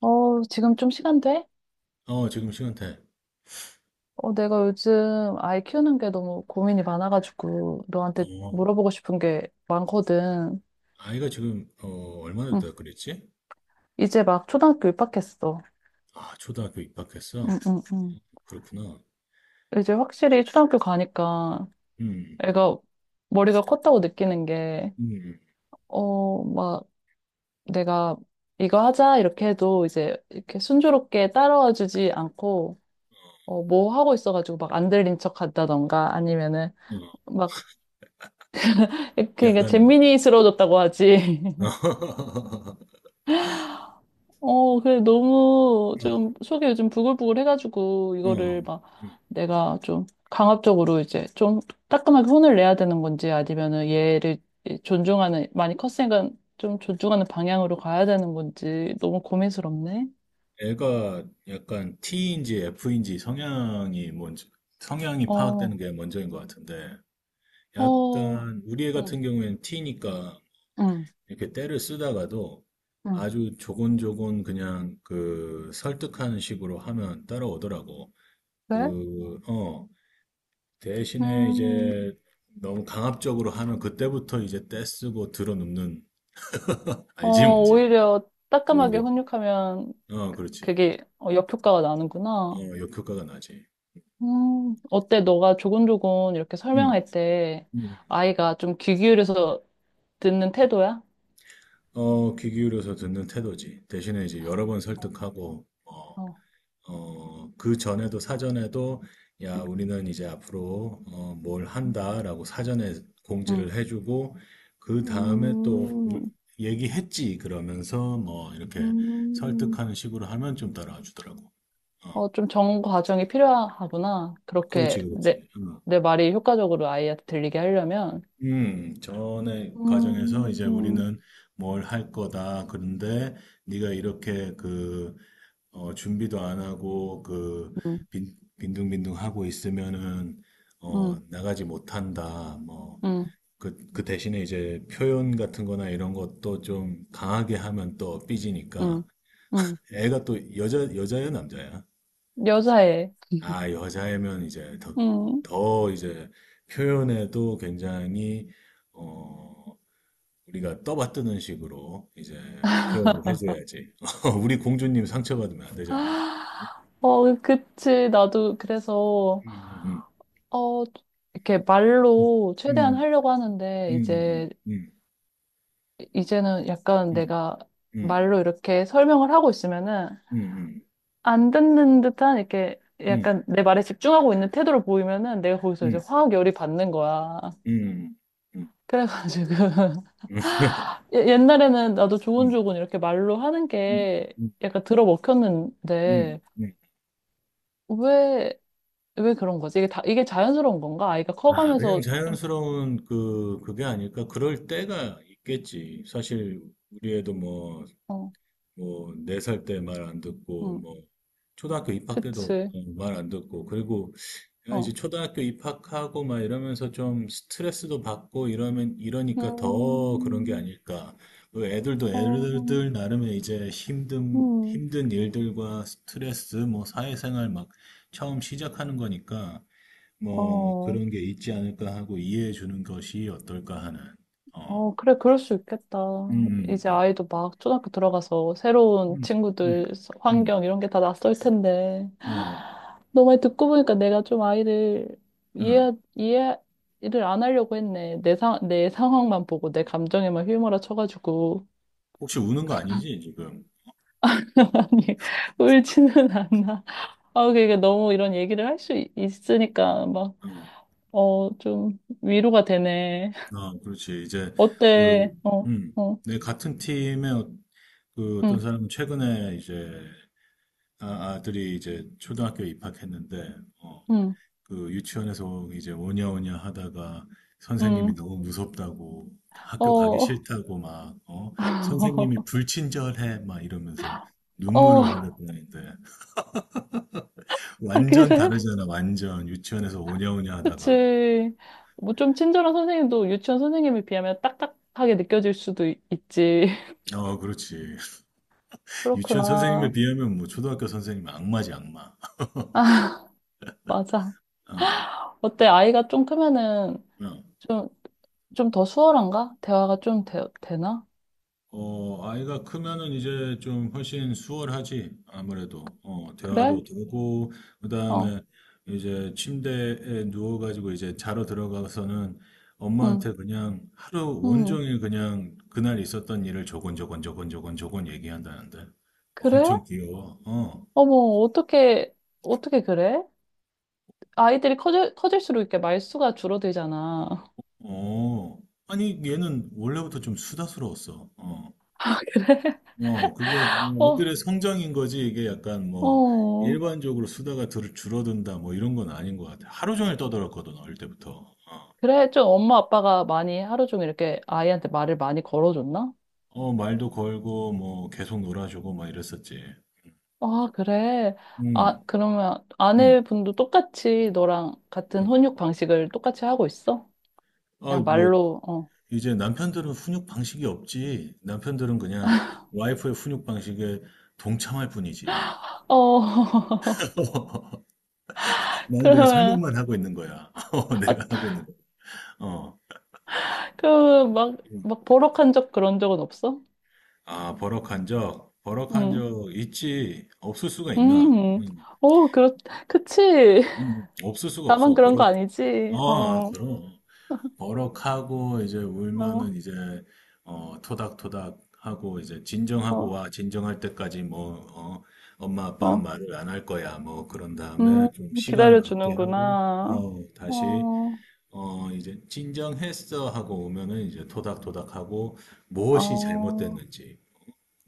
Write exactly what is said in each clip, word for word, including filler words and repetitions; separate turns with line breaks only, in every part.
어, 지금 좀 시간 돼?
어, 지금 시간대.
어, 내가 요즘 아이 키우는 게 너무 고민이 많아가지고 너한테
어,
물어보고 싶은 게 많거든.
아이가 지금, 어, 얼마나
응.
됐다 그랬지?
이제 막 초등학교 입학했어.
아, 초등학교
응,
입학했어?
응, 응.
그렇구나.
이제 확실히 초등학교 가니까
음,
애가 머리가 컸다고 느끼는 게,
음,
어, 막 내가 이거 하자 이렇게 해도 이제 이렇게 순조롭게 따라와 주지 않고, 어, 뭐 하고 있어가지고 막 안 들린 척 한다던가 아니면은
어,
막 이렇게
야간,
재민이스러워졌다고 하지.
어,
어, 그래, 너무
어,
좀 속이 요즘 부글부글 해가지고
어,
이거를 막
음.
내가 좀 강압적으로 이제 좀 따끔하게 혼을 내야 되는 건지 아니면은 얘를 존중하는, 많이 컸으니까 좀 존중하는 방향으로 가야 되는 건지 너무 고민스럽네.
애가 약간 T인지 F인지 성향이 뭔지, 성향이 파악되는
어,
게 먼저인 것 같은데,
어,
약간, 우리 애
응,
같은 경우에는 T니까,
응,
이렇게 때를 쓰다가도,
응.
아주 조곤조곤 그냥 그 설득하는 식으로 하면 따라오더라고.
그래?
그, 어, 대신에
음,
이제 너무 강압적으로 하면 그때부터 이제 떼쓰고 들어눕는,
어,
알지 뭔지?
오히려 따끔하게
오히려.
훈육하면
어, 그렇지.
그게 어, 역효과가 나는구나.
어, 역효과가 나지.
음, 어때? 너가 조곤조곤 이렇게
응.
설명할 때
응.
아이가 좀 귀 기울여서 듣는 태도야?
어, 귀 기울여서 듣는 태도지. 대신에 이제 여러 번 설득하고, 어,
어,
어, 그 전에도 사전에도 야,
음,
우리는 이제 앞으로 어, 뭘 한다라고 사전에 공지를
음,
해주고 그 다음에 또
음,
우-
음,
얘기했지 그러면서 뭐 이렇게
음.
설득하는 식으로 하면 좀 따라와 주더라고. 어,
어, 좀 정원 과정이 필요하구나. 그렇게
그렇지, 그렇지.
내,
음,
내 말이 효과적으로 아이한테 들리게 하려면.
음, 전에 과정에서
음,
이제
음,
우리는 뭘 할 거다. 그런데 네가 이렇게 그 어, 준비도 안 하고 그
음,
빈, 빈둥빈둥 하고 있으면은 어,
음,
나가지 못한다. 뭐
음,
그, 그 대신에 이제 표현 같은 거나 이런 것도 좀 강하게 하면 또
음.
삐지니까
음.
애가 또 여자 여자예요, 남자야?
여자애.
아, 여자애면 이제 더,
음.
더 이제 표현에도 굉장히 어, 우리가 떠받드는 식으로 이제 표현을 해줘야지. 우리 공주님 상처받으면 안 되잖아.
아, 어, 그치. 나도 그래서.
음, 음,
어, 이렇게 말로 최대한
음.
하려고 하는데,
음.
이제,
음.
이제는 약간
음.
내가
음.
말로 이렇게 설명을 하고 있으면은,
음.
안 듣는 듯한, 이렇게
음.
약간 내 말에 집중하고 있는 태도를 보이면은, 내가 거기서 이제
음.
화학 열이 받는 거야.
음. 음. 음.
그래가지고, 예- 옛날에는 나도
음.
조곤조곤 이렇게 말로 하는
음.
게
음.
약간
음.
들어먹혔는데,
음.
왜, 왜 그런 거지? 이게 다, 이게 자연스러운 건가? 아이가
아, 그냥
커가면서 좀,
자연스러운 그 그게 아닐까? 그럴 때가 있겠지. 사실 우리 애도 뭐
어,
뭐, 네 살 때 말 안 듣고,
음,
뭐, 초등학교 입학 때도
그치.
말 안 듣고, 그리고 야, 이제
어.
초등학교 입학하고 막 이러면서 좀 스트레스도 받고 이러면, 이러니까 더 그런 게
음,
아닐까. 그 애들도
어,
애들들 나름의 이제 힘든,
음,
힘든 일들과 스트레스, 뭐, 사회생활 막 처음 시작하는 거니까, 뭐,
어,
그런 게 있지 않을까 하고 이해해 주는 것이 어떨까 하는, 어,
어, 그래, 그럴 수 있겠다.
음,
이제
음,
아이도 막 초등학교 들어가서 새로운
음, 음,
친구들,
음,
환경 이런 게 다 낯설 텐데.
음, 어,
너 말 듣고 보니까 내가 좀 아이를
어.
이해, 이해를 안 하려고 했네. 내 상, 내 상황만 보고 내 감정에만 휘몰아 쳐가지고.
혹시 우는 거 아니지, 지금?
아니, 울지는 않나. 아, 그러니까 너무 이런 얘기를 할 수 있으니까 막,
응.
어, 좀 위로가 되네.
아, 그렇지. 이제, 그,
어때? 어,
음,
어,
내 같은 팀의 어- 그 어떤
응,
사람은 최근에 이제, 아, 아들이 이제 초등학교에 입학했는데, 어,
응,
그 유치원에서 이제 오냐오냐 하다가 선생님이
응,
너무 무섭다고, 학교 가기
어,
싫다고 막, 어, 선생님이 불친절해, 막 이러면서
어,
눈물을 흘렸다는데,
아,
완전
그래?
다르잖아, 완전. 유치원에서 오냐오냐 하다가.
그치. 뭐 좀 친절한 선생님도 유치원 선생님에 비하면 딱딱하게 느껴질 수도 있- 있지.
어, 그렇지. 유치원 선생님에
그렇구나.
비하면 뭐 초등학교 선생님은 악마지 악마.
맞아.
어,
어때? 아이가 좀 크면은
어.
좀, 좀 더 수월한가? 대화가 좀 되, 되나?
어, 아이가 크면은 이제 좀 훨씬 수월하지 아무래도 어,
그래?
대화도 되고
어,
그다음에 이제 침대에 누워가지고 이제 자러 들어가서는
응,
엄마한테 그냥 하루
응.
온종일 그냥 그날 있었던 일을 조곤조곤 조곤조곤 저건 저건 저건 얘기한다는데
그래?
엄청 귀여워. 어,
어머, 어떻게, 어떻게 그래? 아이들이 커질, 커질수록 이렇게 말수가 줄어들잖아.
어. 아니 얘는 원래부터 좀 수다스러웠어. 어.
그래?
어, 그게 뭐
어,
애들의 성장인 거지 이게 약간 뭐
어.
일반적으로 수다가 들, 줄어든다 뭐 이런 건 아닌 것 같아. 하루 종일 떠들었거든 어릴 때부터. 어,
그래, 좀 엄마 아빠가 많이 하루 종일 이렇게 아이한테 말을 많이 걸어줬나?
어, 말도 걸고 뭐 계속 놀아주고 막 이랬었지.
아, 그래. 아,
음,
그러면
음,
아내분도 똑같이 너랑 같은
음.
혼육 방식을 똑같이 하고 있어?
아,
그냥
뭐
말로, 어.
이제 남편들은 훈육 방식이 없지. 남편들은 그냥 와이프의 훈육 방식에 동참할 뿐이지.
어,
나는 그냥
그러면,
설명만 하고 있는 거야. 어, 내가 하고
아,
있는 거야. 어.
그, 막, 막 버럭한 적 그런 적은 없어?
아, 버럭한 적, 버럭한
응,
적 있지. 없을 수가 있나?
음,
음,
오, 그렇, 그치.
음, 없을 수가
나만
없어.
그런 거
버럭.
아니지.
아,
어,
그럼. 버럭하고 이제 울면은
어,
이제 어, 토닥토닥 하고 이제 진정하고
어,
와. 진정할 때까지 뭐 어, 엄마 아빠는
어.
말을 안 할 거야. 뭐 그런
음,
다음에 좀 시간을 갖게 하고
기다려주는구나.
어, 다시
어,
어, 이제 진정했어 하고 오면은 이제 토닥토닥 하고 무엇이
어,
잘못됐는지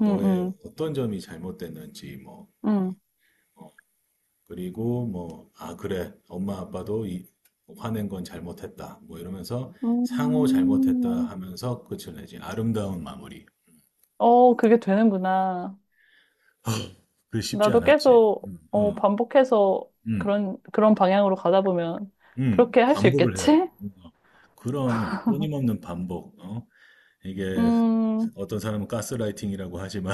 음,
너의
음,
어떤 점이 잘못됐는지 뭐
음.
어, 그리고 뭐 아 그래 엄마 아빠도 이 화낸 건 잘못했다 뭐 이러면서 상호 잘못했다
음,
하면서 끝을 내지 아름다운 마무리
어, 그게 되는구나.
아, 그게 쉽지
나도
않았지
계속,
응,
어,
응,
반복해서
응.
그런, 그런 방향으로 가다 보면
응.
그렇게 할 수
반복을 해야 돼
있겠지?
어. 어. 그럼 끊임없는 반복 어? 이게
음,
어떤 사람은 가스라이팅이라고 하지만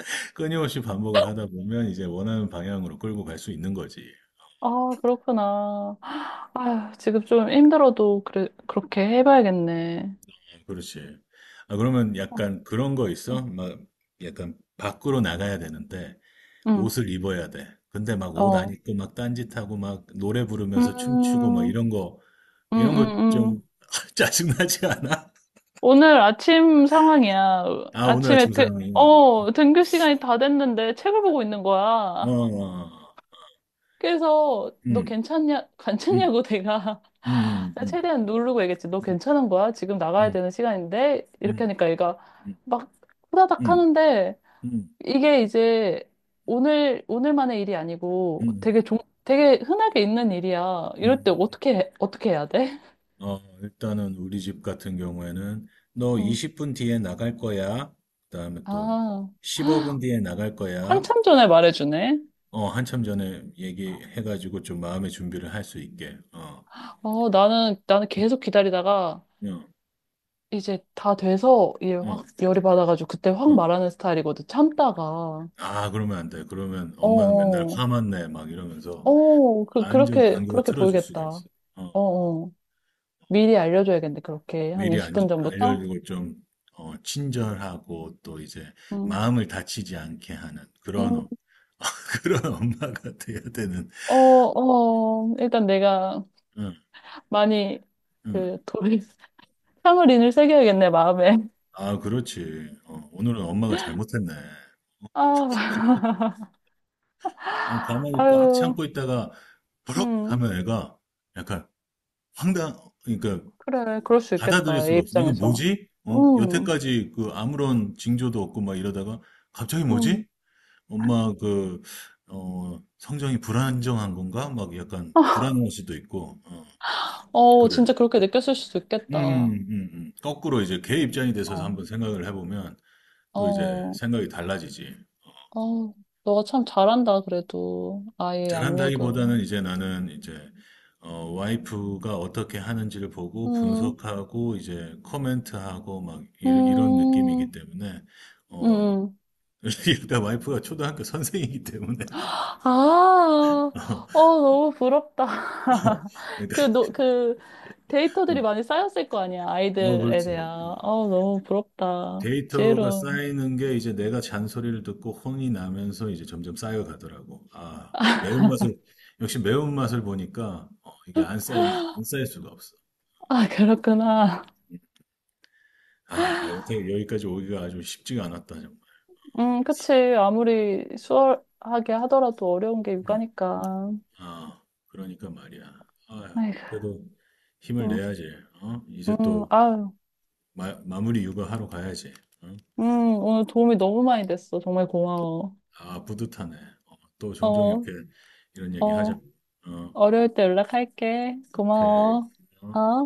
끊임없이 반복을 하다 보면 이제 원하는 방향으로 끌고 갈 수 있는 거지
아, 그렇구나. 아휴, 지금 좀 힘들어도 그래, 그렇게 해봐야겠네.
그렇지. 아, 그러면
어,
약간 그런 거
어,
있어? 막 약간 밖으로 나가야 되는데
음,
옷을 입어야 돼. 근데 막 옷 안
어,
입고 막 딴짓하고 막 노래 부르면서 춤추고 막
음,
이런 거,
음,
이런 거
음,
좀
음.
짜증나지 않아?
오늘 아침 상황이야.
아, 오늘
아침에
아침
등,
사용이구나.
어, 등교 시간이 다 됐는데 책을 보고 있는
어,
거야.
어,
그래서 너
음,
괜찮냐,
음,
괜찮냐고 내가
음,
내가
음,
최대한 누르고 얘기했지. 너
음,
괜찮은 거야? 지금 나가야
음,
되는 시간인데? 이렇게
음,
하니까 얘가
음,
막 후다닥
음,
하는데
음,
이게 이제 오늘, 오늘만의 일이 아니고
음,
되게 종, 되게 흔하게 있는 일이야.
음.
이럴 때
음.
어떻게, 해- 어떻게 해야 돼?
어, 일단은 우리 집 같은 경우에는 너
음.
이십 분 뒤에 나갈 거야. 그다음에 또
아,
십오 분 뒤에 나갈 거야.
한참 전에 말해주네.
어, 한참 전에 얘기해가지고 좀 마음의 준비를 할 수 있게. 어,
어, 나는, 나는
응,
계속 기다리다가
응,
이제 다 돼서 이제
응,
확 열이 받아가지고 그때 확
응.
말하는 스타일이거든. 참다가.
아, 그러면 안 돼. 그러면 엄마는 맨날
어어.
화만 내. 막 이러면서
어, 어, 그,
완전
그렇게,
관계가
그렇게
틀어질 수가
보이겠다.
있어. 어,
어어. 미리 알려줘야겠네. 그렇게. 한
미리 안-
이십 분 전부터?
알려주고 좀 어, 친절하고 또 이제
응.
마음을 다치지 않게 하는 그런,
음
엄- 그런 엄마가 돼야 되는.
어, 어. 일단 내가
응.
많이
응.
그 돌, 참을인을 새겨야겠네, 마음에.
아, 그렇지. 어, 오늘은 엄마가 잘못했네.
아,
아니, 가만히 꽉
아유.
참고 있다가 버럭
음.
하면 애가 약간 황당, 그러니까
그래. 그럴 수
받아들일
있겠다. 얘
수가 없어. 이거
입장에서.
뭐지? 어,
음.
여태까지 그 아무런 징조도 없고 막 이러다가 갑자기
음.
뭐지? 엄마 그, 어, 성정이 불안정한 건가? 막 약간 불안할 수도 있고, 어,
어,
그래.
진짜 그렇게 느꼈을 수도
음,
있겠다.
음,
어,
음. 음. 거꾸로 이제 걔 입장이 돼서 한번 생각을 해보면 또 이제
어,
생각이 달라지지.
어, 너가 참 잘한다, 그래도. 아이의 양육을.
잘한다기보다는 이제 나는 이제 어, 와이프가 어떻게 하는지를 보고
음,
분석하고 이제 코멘트하고 막 이, 이런 느낌이기
음,
때문에 어
음.
그러니까 와이프가 초등학교 선생이기 때문에
아, 어, 너무 부럽다.
어, 그러니까
그, 너, 그, 데이터들이 많이 쌓였을 거 아니야,
어
아이들에
그렇지
대한. 어, 너무 부럽다.
데이터가
지혜로운.
쌓이는 게 이제 내가 잔소리를 듣고 혼이 나면서 이제 점점 쌓여가더라고 아 매운맛을 역시 매운맛을 보니까 어, 이게 안 쌓이면 안 쌓일 수가 없어
아, 그렇구나.
아, 여태 여기까지 오기가 아주 쉽지가 않았다, 정말.
음, 그치. 아무리 수월하게 하더라도 어려운 게
음.
육아니까.
아, 그러니까 말이야. 아휴,
아이고,
그래도 힘을
음,
내야지. 어? 이제
음,
또
아유.
마, 마무리 육아하러 가야지. 어?
음, 오늘 도움이 너무 많이 됐어. 정말 고마워.
아, 뿌듯하네. 어, 또 종종
어,
이렇게 이런 얘기 하자.
어,
어,
어려울 때 연락할게.
오케이.
고마워.
어?
어?